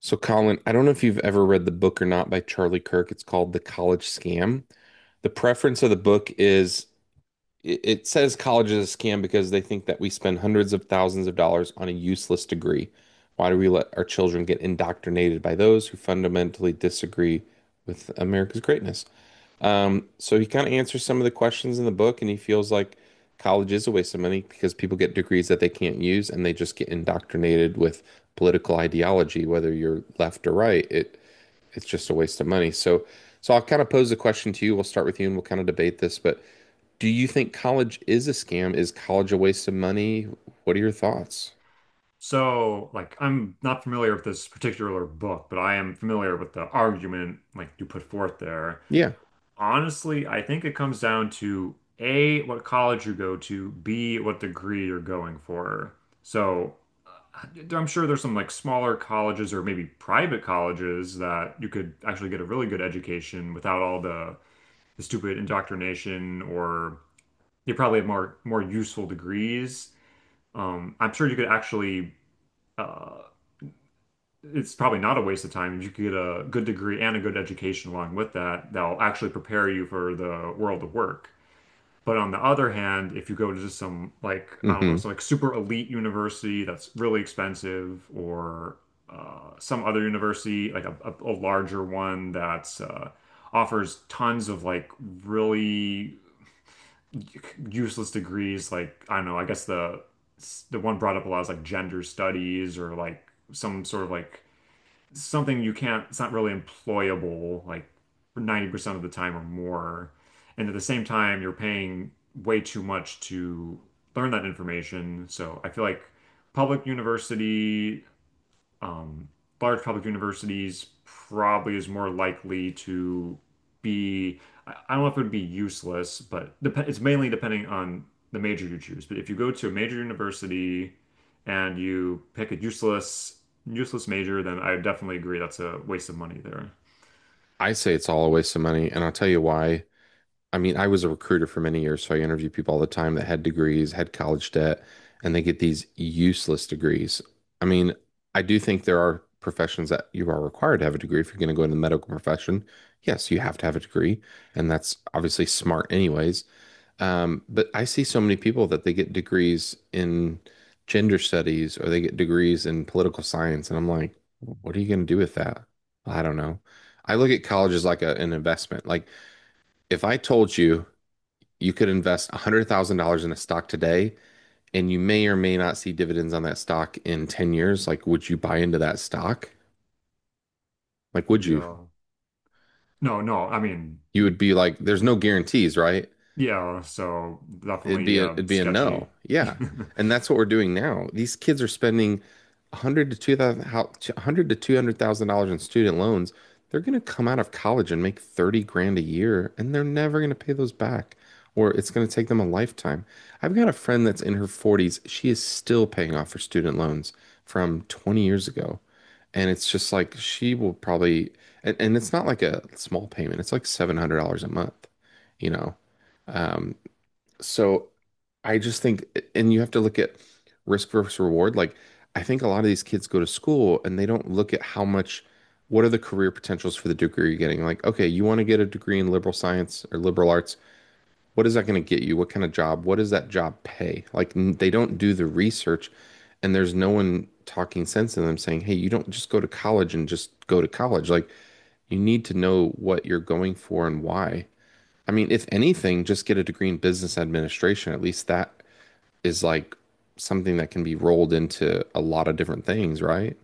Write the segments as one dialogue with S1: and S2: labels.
S1: So, Colin, I don't know if you've ever read the book or not by Charlie Kirk. It's called The College Scam. The preference of the book is it says college is a scam because they think that we spend hundreds of thousands of dollars on a useless degree. Why do we let our children get indoctrinated by those who fundamentally disagree with America's greatness? So he kind of answers some of the questions in the book, and he feels like college is a waste of money because people get degrees that they can't use and they just get indoctrinated with political ideology, whether you're left or right. It's just a waste of money. So I'll kind of pose the question to you. We'll start with you and we'll kind of debate this, but do you think college is a scam? Is college a waste of money? What are your thoughts?
S2: So, like, I'm not familiar with this particular book, but I am familiar with the argument like you put forth there.
S1: Yeah.
S2: Honestly, I think it comes down to A, what college you go to, B, what degree you're going for. So, uh, I'm sure there's some like smaller colleges or maybe private colleges that you could actually get a really good education without all the stupid indoctrination, or you probably have more useful degrees. I'm sure you could actually. Uh, it's probably not a waste of time. You could get a good degree and a good education along with that that'll actually prepare you for the world of work. But on the other hand, if you go to just some like I don't know,
S1: Hmm.
S2: some like super elite university that's really expensive, or some other university like a larger one that's offers tons of like really useless degrees, like I don't know, I guess the one brought up a lot is like gender studies or like some sort of like something you can't, it's not really employable like for 90% of the time or more. And at the same time, you're paying way too much to learn that information. So I feel like public university um, large public universities probably is more likely to be, I don't know if it would be useless, but dep it's mainly depending on the major you choose. But if you go to a major university and you pick a useless major, then I definitely agree that's a waste of money there.
S1: I say it's all a waste of money, and I'll tell you why. I mean, I was a recruiter for many years, so I interview people all the time that had degrees, had college debt, and they get these useless degrees. I mean, I do think there are professions that you are required to have a degree if you're going to go into the medical profession. Yes, you have to have a degree, and that's obviously smart anyways. But I see so many people that they get degrees in gender studies or they get degrees in political science, and I'm like, what are you going to do with that? I don't know. I look at college as like a, an investment. Like if I told you you could invest $100,000 in a stock today and you may or may not see dividends on that stock in 10 years. Like, would you buy into that stock? Like, would you?
S2: Yeah. No, no, I mean,
S1: You would be like, there's no guarantees, right?
S2: yeah, so definitely
S1: It'd be a no.
S2: sketchy.
S1: Yeah. And that's what we're doing now. These kids are spending 100 to 2000 how 100 to $200,000 in student loans. They're going to come out of college and make 30 grand a year and they're never going to pay those back or it's going to take them a lifetime. I've got a friend that's in her 40s. She is still paying off her student loans from 20 years ago. And it's just like she will probably. And it's not like a small payment. It's like $700 a month, you know. Um, so I just think, and you have to look at risk versus reward. Like, I think a lot of these kids go to school and they don't look at how much, what are the career potentials for the degree you're getting? Like, okay, you want to get a degree in liberal science or liberal arts. What is that going to get you? What kind of job? What does that job pay? Like, they don't do the research, and there's no one talking sense in them saying, hey, you don't just go to college and just go to college. Like, you need to know what you're going for and why. I mean, if anything, just get a degree in business administration. At least that is like something that can be rolled into a lot of different things, right?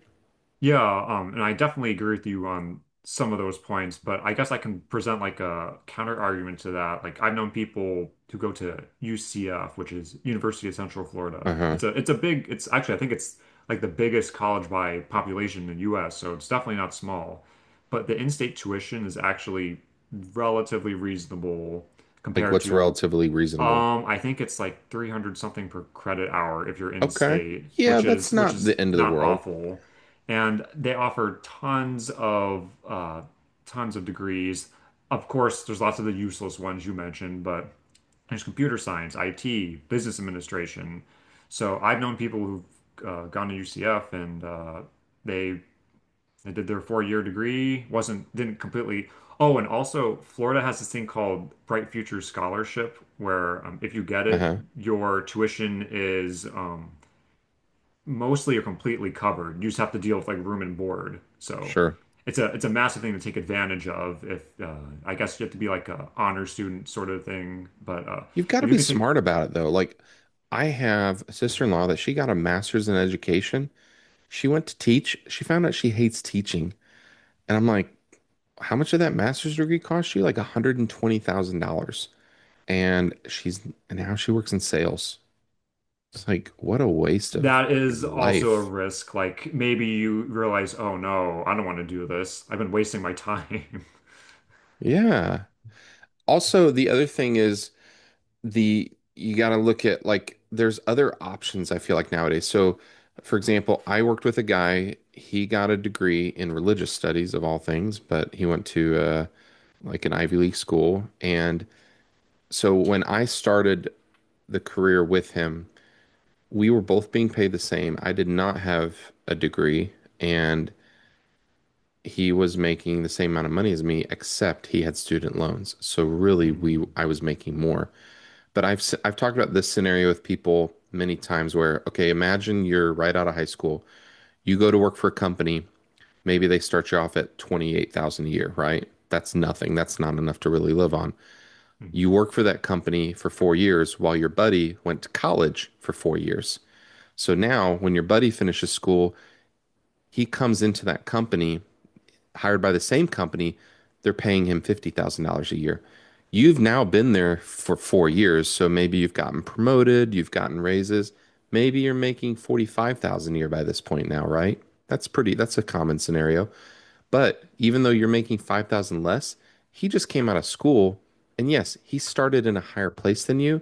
S2: Yeah, and I definitely agree with you on some of those points, but I guess I can present like a counter argument to that. Like I've known people who go to UCF, which is University of Central Florida.
S1: Uh-huh.
S2: It's a big it's actually I think it's like the biggest college by population in the US, so it's definitely not small. But the in-state tuition is actually relatively reasonable
S1: Like
S2: compared
S1: what's
S2: to
S1: relatively reasonable.
S2: I think it's like 300 something per credit hour if you're in
S1: Okay.
S2: state,
S1: Yeah,
S2: which
S1: that's
S2: is which
S1: not
S2: is
S1: the end of the
S2: not
S1: world.
S2: awful. And they offer tons of degrees. Of course, there's lots of the useless ones you mentioned, but there's computer science, IT, business administration. So I've known people who've gone to UCF and they did their four-year degree, wasn't didn't completely. Oh, and also Florida has this thing called Bright Futures Scholarship, where if you get it,
S1: Uh-huh.
S2: your tuition is mostly or completely covered. You just have to deal with like room and board. So
S1: Sure.
S2: it's a massive thing to take advantage of. If I guess you have to be like a honor student sort of thing, but
S1: You've got to
S2: if you
S1: be
S2: can take
S1: smart about it though. Like I have a sister-in-law that she got a master's in education. She went to teach. She found out she hates teaching. And I'm like, how much did that master's degree cost you? Like $120,000. And she's and now she works in sales. It's like, what a waste of
S2: that
S1: your
S2: is also a
S1: life.
S2: risk. Like maybe you realize, oh no, I don't want to do this. I've been wasting my time.
S1: Yeah. Also, the other thing is the you got to look at like there's other options I feel like nowadays. So, for example, I worked with a guy, he got a degree in religious studies of all things, but he went to like an Ivy League school. And so when I started the career with him, we were both being paid the same. I did not have a degree and he was making the same amount of money as me, except he had student loans. So really we
S2: Mm,
S1: I was making more. But I've talked about this scenario with people many times where, okay, imagine you're right out of high school. You go to work for a company. Maybe they start you off at 28,000 a year, right? That's nothing. That's not enough to really live on.
S2: mhm.
S1: You work for that company for 4 years while your buddy went to college for 4 years. So now when your buddy finishes school, he comes into that company hired by the same company, they're paying him $50,000 a year. You've now been there for 4 years, so maybe you've gotten promoted, you've gotten raises. Maybe you're making 45,000 a year by this point now, right? That's pretty, that's a common scenario. But even though you're making 5,000 less, he just came out of school and yes, he started in a higher place than you,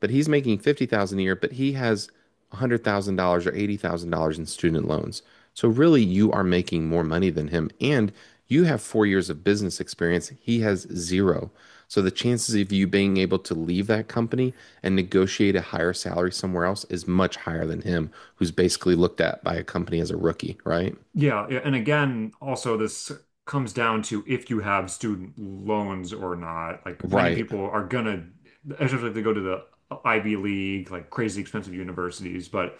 S1: but he's making 50,000 a year, but he has $100,000 or $80,000 in student loans. So really you are making more money than him and you have 4 years of business experience. He has zero. So the chances of you being able to leave that company and negotiate a higher salary somewhere else is much higher than him, who's basically looked at by a company as a rookie, right?
S2: Yeah, yeah, and again, also this comes down to if you have student loans or not. Like many
S1: Right.
S2: people are gonna, especially if they go to the Ivy League, like crazy expensive universities. But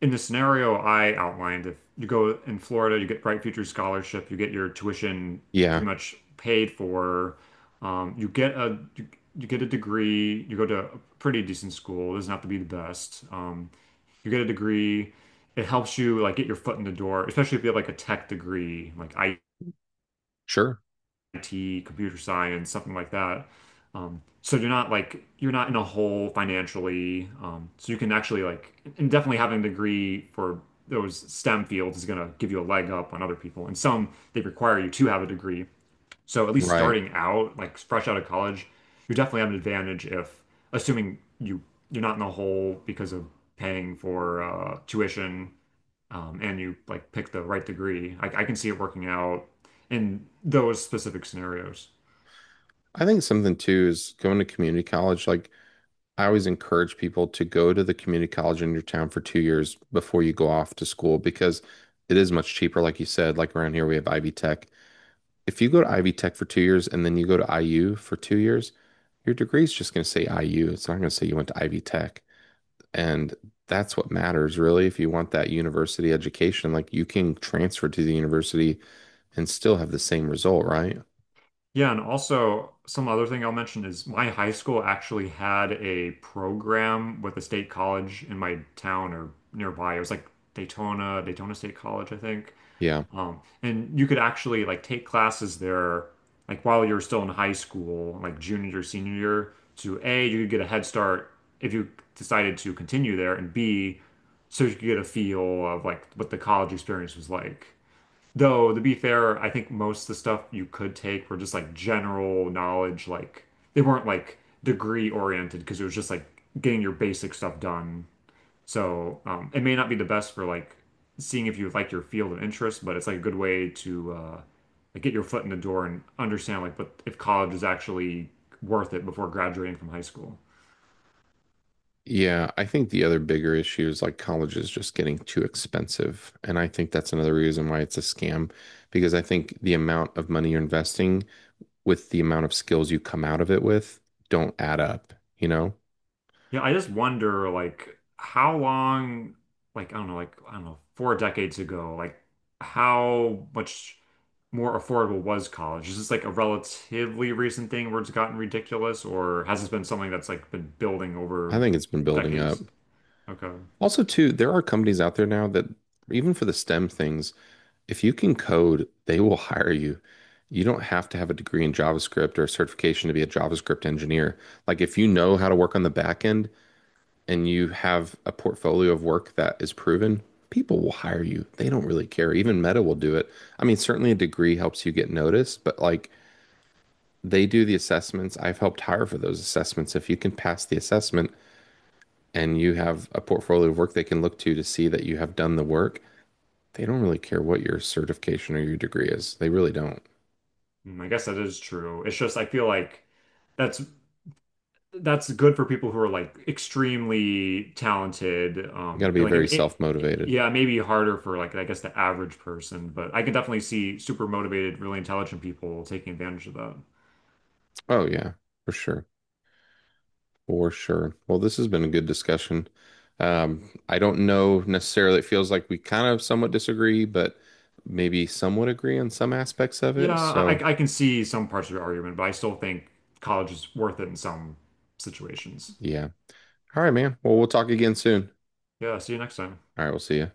S2: in the scenario I outlined, if you go in Florida, you get Bright Futures Scholarship, you get your tuition
S1: Yeah.
S2: pretty much paid for. You get you get a degree. You go to a pretty decent school. It doesn't have to be the best. You get a degree it helps you like get your foot in the door, especially if you have like a tech degree, like
S1: Sure.
S2: IT, computer science, something like that. So you're not in a hole financially. So you can actually like and definitely having a degree for those STEM fields is gonna give you a leg up on other people. And some they require you to have a degree. So at least
S1: Right.
S2: starting out, like fresh out of college, you definitely have an advantage if assuming you're not in a hole because of paying for tuition and you like pick the right degree, I can see it working out in those specific scenarios.
S1: I think something too is going to community college. Like I always encourage people to go to the community college in your town for 2 years before you go off to school because it is much cheaper. Like you said, like around here we have Ivy Tech. If you go to Ivy Tech for 2 years and then you go to IU for 2 years, your degree is just going to say IU. It's not going to say you went to Ivy Tech. And that's what matters really. If you want that university education, like you can transfer to the university and still have the same result, right?
S2: Yeah, and also some other thing I'll mention is my high school actually had a program with a state college in my town or nearby. It was like Daytona State College, I think.
S1: Yeah.
S2: And you could actually like take classes there, like while you're still in high school, like junior, senior year, to A, you could get a head start if you decided to continue there, and B, so you could get a feel of like what the college experience was like. Though, to be fair, I think most of the stuff you could take were just like general knowledge, like they weren't like degree oriented because it was just like getting your basic stuff done. So it may not be the best for like seeing if you like your field of interest, but it's like a good way to like get your foot in the door and understand like what if college is actually worth it before graduating from high school.
S1: Yeah, I think the other bigger issue is like college is just getting too expensive. And I think that's another reason why it's a scam, because I think the amount of money you're investing with the amount of skills you come out of it with don't add up, you know?
S2: Yeah, I just wonder like how long, like I don't know, like I don't know, four decades ago, like how much more affordable was college? Is this like a relatively recent thing where it's gotten ridiculous, or has this been something that's like been building
S1: I
S2: over
S1: think it's been building
S2: decades?
S1: up.
S2: Okay.
S1: Also, too, there are companies out there now that even for the STEM things, if you can code, they will hire you. You don't have to have a degree in JavaScript or a certification to be a JavaScript engineer. Like if you know how to work on the backend and you have a portfolio of work that is proven, people will hire you. They don't really care. Even Meta will do it. I mean, certainly a degree helps you get noticed, but like they do the assessments. I've helped hire for those assessments. If you can pass the assessment and you have a portfolio of work they can look to see that you have done the work, they don't really care what your certification or your degree is. They really don't.
S2: Mm, I guess that is true. It's just I feel like that's that's good for people who are like extremely talented.
S1: You got to be
S2: Like
S1: very self motivated.
S2: yeah, maybe harder for like I guess the average person, but I can definitely see super motivated, really intelligent people taking advantage of that.
S1: Oh, yeah, for sure. For sure. Well, this has been a good discussion. I don't know necessarily. It feels like we kind of somewhat disagree, but maybe somewhat agree on some aspects of
S2: Yeah,
S1: it. So,
S2: I can see some parts of your argument, but I still think college is worth it in some situations.
S1: yeah. All right, man. Well, we'll talk again soon.
S2: Yeah, see you next time.
S1: All right, we'll see you.